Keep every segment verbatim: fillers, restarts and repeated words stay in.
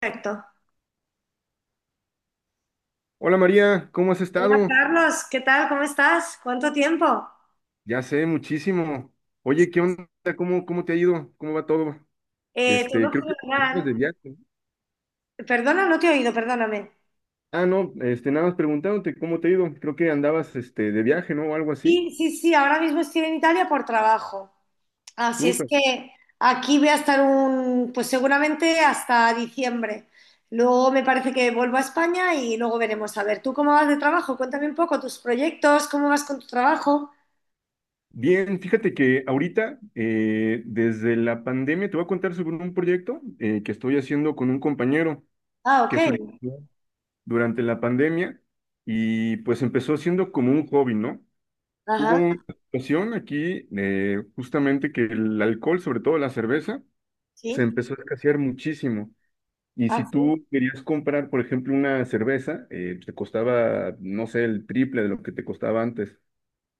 Perfecto. Hola María, ¿cómo has Hola estado? Carlos, ¿qué tal? ¿Cómo estás? ¿Cuánto tiempo? Ya sé, muchísimo. Oye, ¿qué onda? ¿Cómo, cómo te ha ido? ¿Cómo va todo? Eh, Este, todo Creo que andabas de fenomenal. viaje, ¿no? Perdona, no te he oído, perdóname. Ah, no, este, nada más preguntándote cómo te ha ido. Creo que andabas, este, de viaje, ¿no? O algo así. Sí, sí, sí, ahora mismo estoy en Italia por trabajo. Así es Súper. que aquí voy a estar un, pues seguramente hasta diciembre. Luego me parece que vuelvo a España y luego veremos. A ver, ¿tú cómo vas de trabajo? Cuéntame un poco tus proyectos, cómo vas con tu trabajo. Bien, fíjate que ahorita, eh, desde la pandemia, te voy a contar sobre un proyecto eh, que estoy haciendo con un compañero Ah, ok. que surgió durante la pandemia y pues empezó siendo como un hobby, ¿no? Hubo Ajá, una situación aquí de justamente que el alcohol, sobre todo la cerveza, se sí. empezó a escasear muchísimo. Y Ah, si sí. tú querías comprar, por ejemplo, una cerveza, eh, te costaba, no sé, el triple de lo que te costaba antes.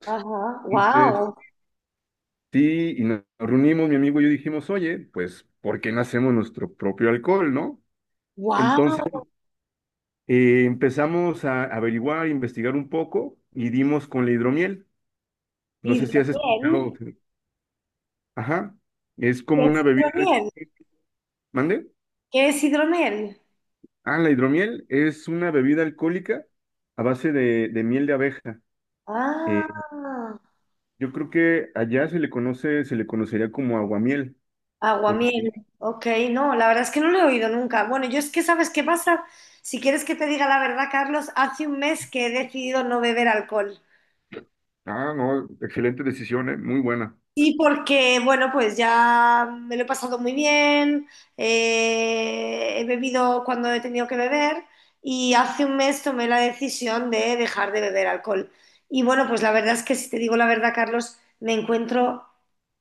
Ajá. Entonces, Wow. sí, y nos reunimos, mi amigo y yo dijimos, oye, pues, ¿por qué no hacemos nuestro propio alcohol, no? Wow. Entonces, eh, empezamos a averiguar, investigar un poco y dimos con la hidromiel. No ¿Y de sé si has escuchado. bien? Ajá, es ¿Qué como es una bebida. hidromiel? ¿Mande? ¿Qué es hidromiel? Ah, la hidromiel es una bebida alcohólica a base de, de miel de abeja. Eh, Ah, yo creo que allá se le conoce, se le conocería como aguamiel, porque, aguamiel. Ok, no, la verdad es que no lo he oído nunca. Bueno, yo es que, ¿sabes qué pasa? Si quieres que te diga la verdad, Carlos, hace un mes que he decidido no beber alcohol. ah, no, excelente decisión, eh, muy buena. Sí, porque, bueno, pues ya me lo he pasado muy bien, eh, he bebido cuando he tenido que beber y hace un mes tomé la decisión de dejar de beber alcohol. Y bueno, pues la verdad es que si te digo la verdad, Carlos, me encuentro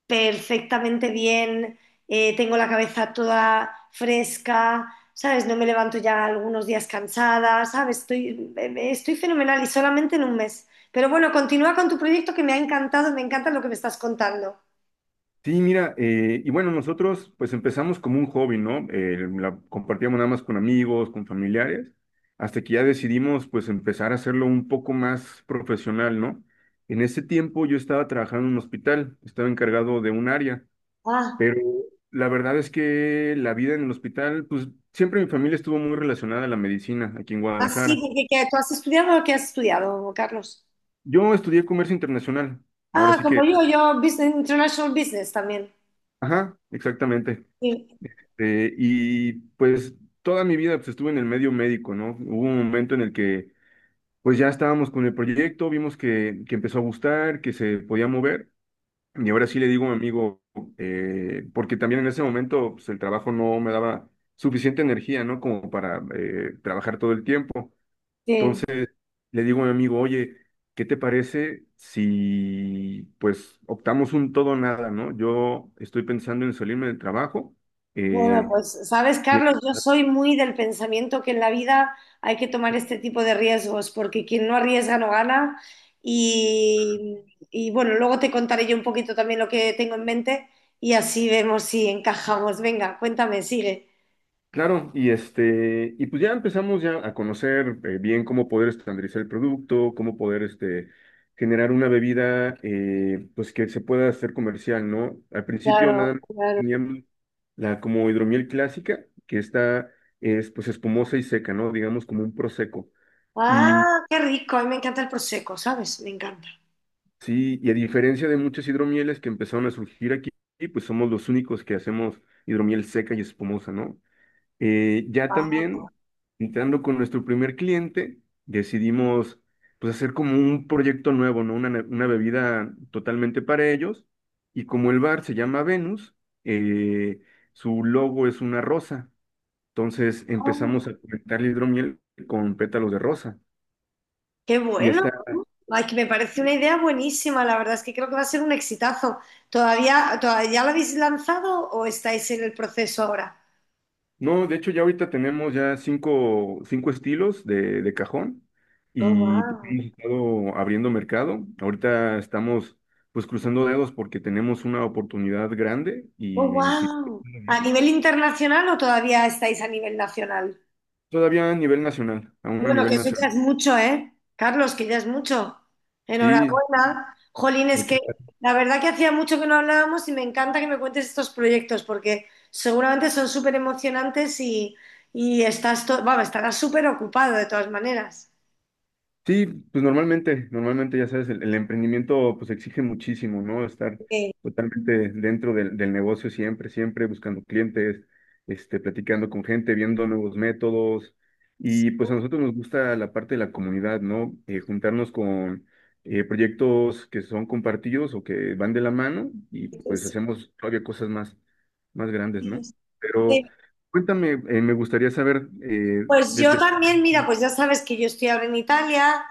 perfectamente bien, eh, tengo la cabeza toda fresca, ¿sabes? No me levanto ya algunos días cansada, ¿sabes? Estoy, eh, eh, estoy fenomenal y solamente en un mes. Pero bueno, continúa con tu proyecto que me ha encantado, me encanta lo que me estás contando. Sí, mira, eh, y bueno, nosotros pues empezamos como un hobby, ¿no? Eh, la compartíamos nada más con amigos, con familiares, hasta que ya decidimos pues empezar a hacerlo un poco más profesional, ¿no? En ese tiempo yo estaba trabajando en un hospital, estaba encargado de un área. Ah, Pero la verdad es que la vida en el hospital, pues siempre mi familia estuvo muy relacionada a la medicina aquí en así, Guadalajara. porque ¿qué? ¿Tú has estudiado o qué has estudiado, Carlos? Yo estudié comercio internacional, ahora Ah, sí como que, yo, yo business, International Business también. ajá, exactamente. Sí, Eh, y pues toda mi vida pues, estuve en el medio médico, ¿no? Hubo un momento en el que pues ya estábamos con el proyecto, vimos que, que empezó a gustar, que se podía mover. Y ahora sí le digo a mi amigo, eh, porque también en ese momento pues, el trabajo no me daba suficiente energía, ¿no? Como para eh, trabajar todo el tiempo. sí. Entonces le digo a mi amigo, oye, ¿qué te parece si pues optamos un todo o nada, ¿no? Yo estoy pensando en salirme del trabajo. Bueno, eh, pues sabes, y, Carlos, yo soy muy del pensamiento que en la vida hay que tomar este tipo de riesgos, porque quien no arriesga no gana. Y, y, bueno, luego te contaré yo un poquito también lo que tengo en mente y así vemos si encajamos. Venga, cuéntame, sigue. claro, y este, y pues ya empezamos ya a conocer eh, bien cómo poder estandarizar el producto, cómo poder este, generar una bebida eh, pues que se pueda hacer comercial, ¿no? Al principio nada Claro, más claro. teníamos la como hidromiel clásica, que está es pues espumosa y seca, ¿no? Digamos como un prosecco. Ah, qué rico, a mí me encanta el prosecco, ¿sabes? Me encanta. Sí, y a diferencia de muchas hidromieles que empezaron a surgir aquí, pues somos los únicos que hacemos hidromiel seca y espumosa, ¿no? Eh, ya también, entrando con nuestro primer cliente, decidimos pues hacer como un proyecto nuevo, ¿no? Una, ne- una bebida totalmente para ellos. Y como el bar se llama Venus, eh, su logo es una rosa. Entonces Ah. empezamos a conectar la hidromiel con pétalos de rosa. Qué Y bueno. esta Ay, que me parece una idea buenísima. La verdad es que creo que va a ser un exitazo. ¿Todavía, todavía lo habéis lanzado o estáis en el proceso ahora? No, de hecho ya ahorita tenemos ya cinco, cinco estilos de, de cajón Oh, y pues, wow. hemos estado abriendo mercado. Ahorita estamos pues cruzando dedos porque tenemos una oportunidad grande Oh, y si wow. ¿A nivel internacional o todavía estáis a nivel nacional? todavía a nivel nacional, aún a Bueno, que nivel eso ya nacional. es mucho, ¿eh? Carlos, que ya es mucho. Sí, Enhorabuena. Jolín, es muchas que la verdad que hacía mucho que no hablábamos y me encanta que me cuentes estos proyectos porque seguramente son súper emocionantes y, y estás, to- vamos, estarás súper ocupado de todas maneras. Sí, pues normalmente, normalmente ya sabes, el, el emprendimiento pues exige muchísimo, ¿no? Estar Eh, totalmente dentro del, del negocio siempre, siempre buscando clientes, este, platicando con gente, viendo nuevos métodos. Y pues a nosotros nos gusta la parte de la comunidad, ¿no? Eh, juntarnos con eh, proyectos que son compartidos o que van de la mano y pues Sí, hacemos todavía cosas más, más grandes, sí, ¿no? Pero sí. cuéntame, eh, me gustaría saber eh, Pues de... yo de- también, mira, pues ya sabes que yo estoy ahora en Italia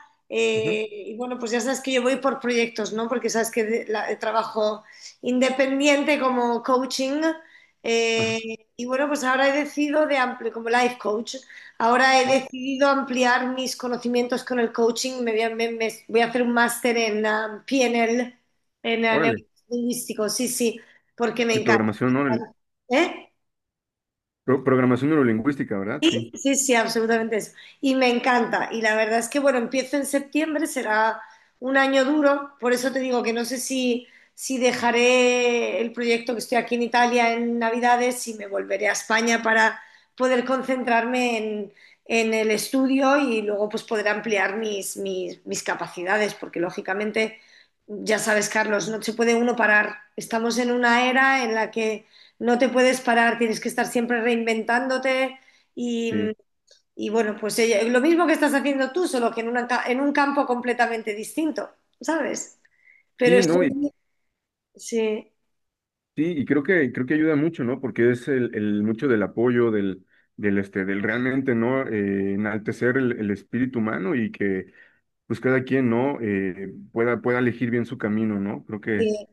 Ujú. eh, y bueno, pues ya sabes que yo voy por proyectos, ¿no? Porque sabes que de- la- eh, trabajo independiente como coaching Ajá. eh, y bueno, pues ahora he decidido de ampliar, como life coach, ahora he decidido ampliar mis conocimientos con el coaching, me voy a, me- me- voy a hacer un máster en ah, P N L, en ah, Órale. neurolingüístico, sí, sí, porque me Y encanta. programación, ¿no? El- ¿Eh? pro- programación neurolingüística, ¿verdad? Sí, Sí, sí, absolutamente eso. Y me encanta. Y la verdad es que, bueno, empiezo en septiembre, será un año duro. Por eso te digo que no sé si, si dejaré el proyecto que estoy aquí en Italia en Navidades, si me volveré a España para poder concentrarme en, en el estudio y luego pues poder ampliar mis, mis, mis capacidades, porque lógicamente, ya sabes, Carlos, no se puede uno parar. Estamos en una era en la que no te puedes parar, tienes que estar siempre reinventándote. Y sí. y bueno, pues ella- lo mismo que estás haciendo tú, solo que en, una ca- en un campo completamente distinto, ¿sabes? Pero Sí, no, y estoy, sí. sí, y creo que, creo que ayuda mucho, ¿no? Porque es el, el mucho del apoyo, del, del este, del realmente, ¿no? Eh, enaltecer el, el espíritu humano y que pues cada quien, ¿no? Eh, pueda, pueda elegir bien su camino, ¿no? Creo que, Sí.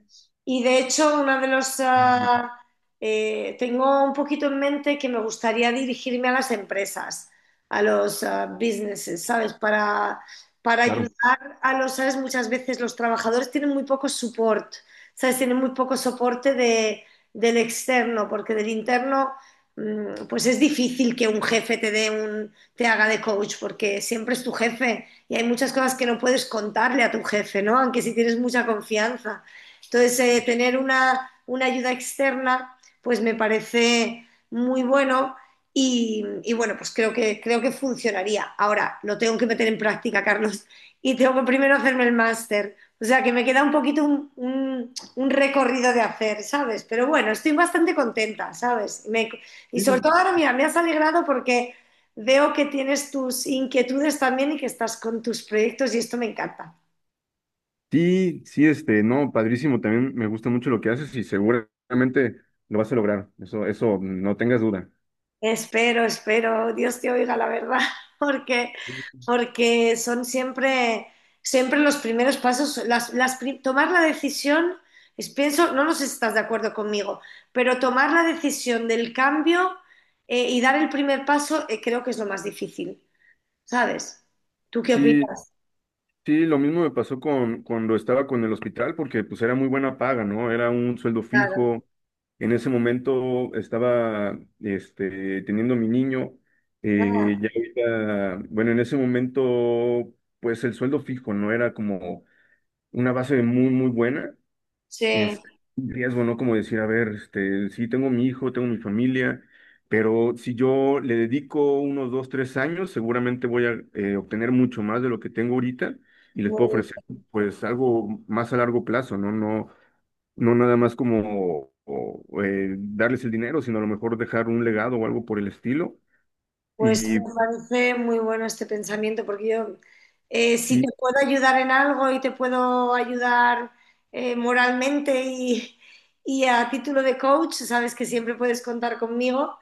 Y de hecho, una de los... Mm, ah, eh, tengo un poquito en mente que me gustaría dirigirme a las empresas, a los ah, businesses, ¿sabes? Para, para claro. ayudar a los, ¿sabes? Muchas veces los trabajadores tienen muy poco support, ¿sabes? Tienen muy poco soporte de- del externo, porque del interno, mm, pues es difícil que un jefe te dé un, te haga de coach, porque siempre es tu jefe y hay muchas cosas que no puedes contarle a tu jefe, ¿no? Aunque si tienes mucha confianza. Entonces, eh, tener una, una, ayuda externa, pues me parece muy bueno y, y, bueno, pues creo que, creo que funcionaría. Ahora, lo tengo que meter en práctica, Carlos, y tengo que primero hacerme el máster. O sea, que me queda un poquito un, un, un recorrido de hacer, ¿sabes? Pero bueno, estoy bastante contenta, ¿sabes? Me, y Sí, sobre todo ahora, mira, me has alegrado porque veo que tienes tus inquietudes también y que estás con tus proyectos y esto me encanta. sí, sí, este, no, padrísimo, también me gusta mucho lo que haces y seguramente lo vas a lograr. Eso, eso, no tengas duda. Espero, espero, Dios te oiga la verdad, porque, porque son siempre, siempre los primeros pasos, las, las pri- tomar la decisión, es, pienso, no, no sé si estás de acuerdo conmigo, pero tomar la decisión del cambio eh, y dar el primer paso eh, creo que es lo más difícil, ¿sabes? ¿Tú qué Sí, opinas? Sí, lo mismo me pasó con cuando estaba con el hospital, porque pues era muy buena paga, ¿no? Era un sueldo Claro, fijo. En ese momento estaba este, teniendo mi niño. eh, claro. Ya ahorita, bueno, en ese momento, pues el sueldo fijo no era como una base muy, muy buena Sí, este, riesgo, ¿no? Como decir, a ver, este, sí, tengo mi hijo, tengo mi familia, pero si yo le dedico unos dos, tres años, seguramente voy a eh, obtener mucho más de lo que tengo ahorita y les puedo muy. ofrecer, pues, algo más a largo plazo, ¿no? No, no nada más como o, eh, darles el dinero, sino a lo mejor dejar un legado o algo por el estilo. Pues Y me parece muy bueno este pensamiento, porque yo, eh, si te sí, puedo ayudar en algo y te puedo ayudar eh, moralmente y, y a título de coach, sabes que siempre puedes contar conmigo,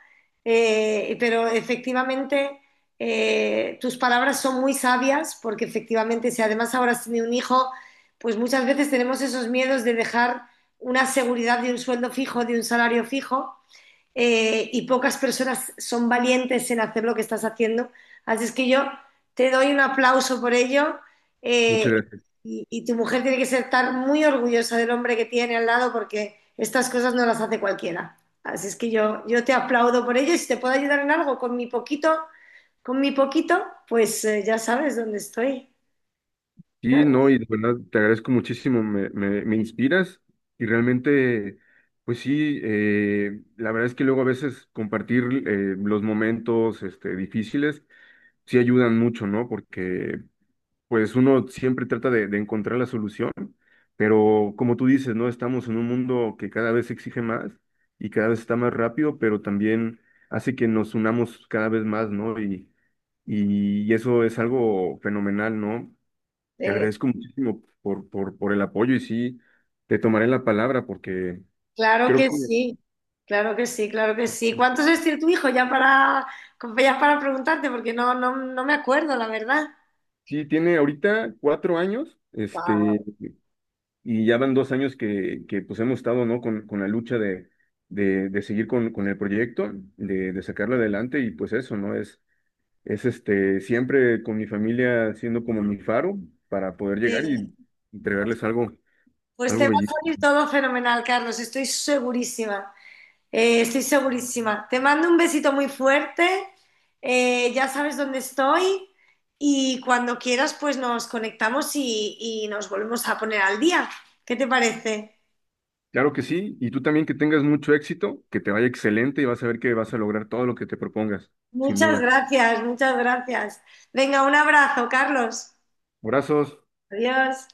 eh, pero efectivamente eh, tus palabras son muy sabias, porque efectivamente si además ahora has tenido un hijo, pues muchas veces tenemos esos miedos de dejar una seguridad de un sueldo fijo, de un salario fijo eh, y pocas personas son valientes en hacer lo que estás haciendo. Así es que yo te doy un aplauso por ello eh, muchas gracias. y, y tu mujer tiene que ser estar muy orgullosa del hombre que tiene al lado porque estas cosas no las hace cualquiera. Así es que yo, yo te aplaudo por ello y si te puedo ayudar en algo con mi poquito, con mi poquito, pues eh, ya sabes dónde estoy. Sí, no, y de verdad te agradezco muchísimo, me, me, me inspiras y realmente, pues sí, eh, la verdad es que luego a veces compartir eh, los momentos este, difíciles sí ayudan mucho, ¿no? Porque pues uno siempre trata de, de encontrar la solución, pero como tú dices, ¿no? Estamos en un mundo que cada vez exige más y cada vez está más rápido, pero también hace que nos unamos cada vez más, ¿no? Y, y eso es algo fenomenal, ¿no? Te Eh, agradezco muchísimo por, por, por el apoyo y sí, te tomaré la palabra porque Claro creo que que sí, claro que sí, claro que sí. ¿Cuántos años tiene tu hijo? Ya para, ya para preguntarte, porque no, no, no me acuerdo, la verdad. sí tiene ahorita cuatro años, este, Guau. y ya van dos años que, que pues hemos estado, ¿no? Con, con la lucha de, de, de seguir con, con el proyecto, de, de sacarlo adelante y pues eso, ¿no? Es, es este, siempre con mi familia siendo como mi faro para poder llegar Sí, y pues, entregarles algo, pues te algo va bello. a salir todo fenomenal, Carlos, estoy segurísima, eh, estoy segurísima. Te mando un besito muy fuerte, eh, ya sabes dónde estoy y cuando quieras pues nos conectamos y, y nos volvemos a poner al día. ¿Qué te parece? Claro que sí, y tú también que tengas mucho éxito, que te vaya excelente y vas a ver que vas a lograr todo lo que te propongas, sin Muchas duda. gracias, muchas gracias. Venga, un abrazo, Carlos. Abrazos. Adiós.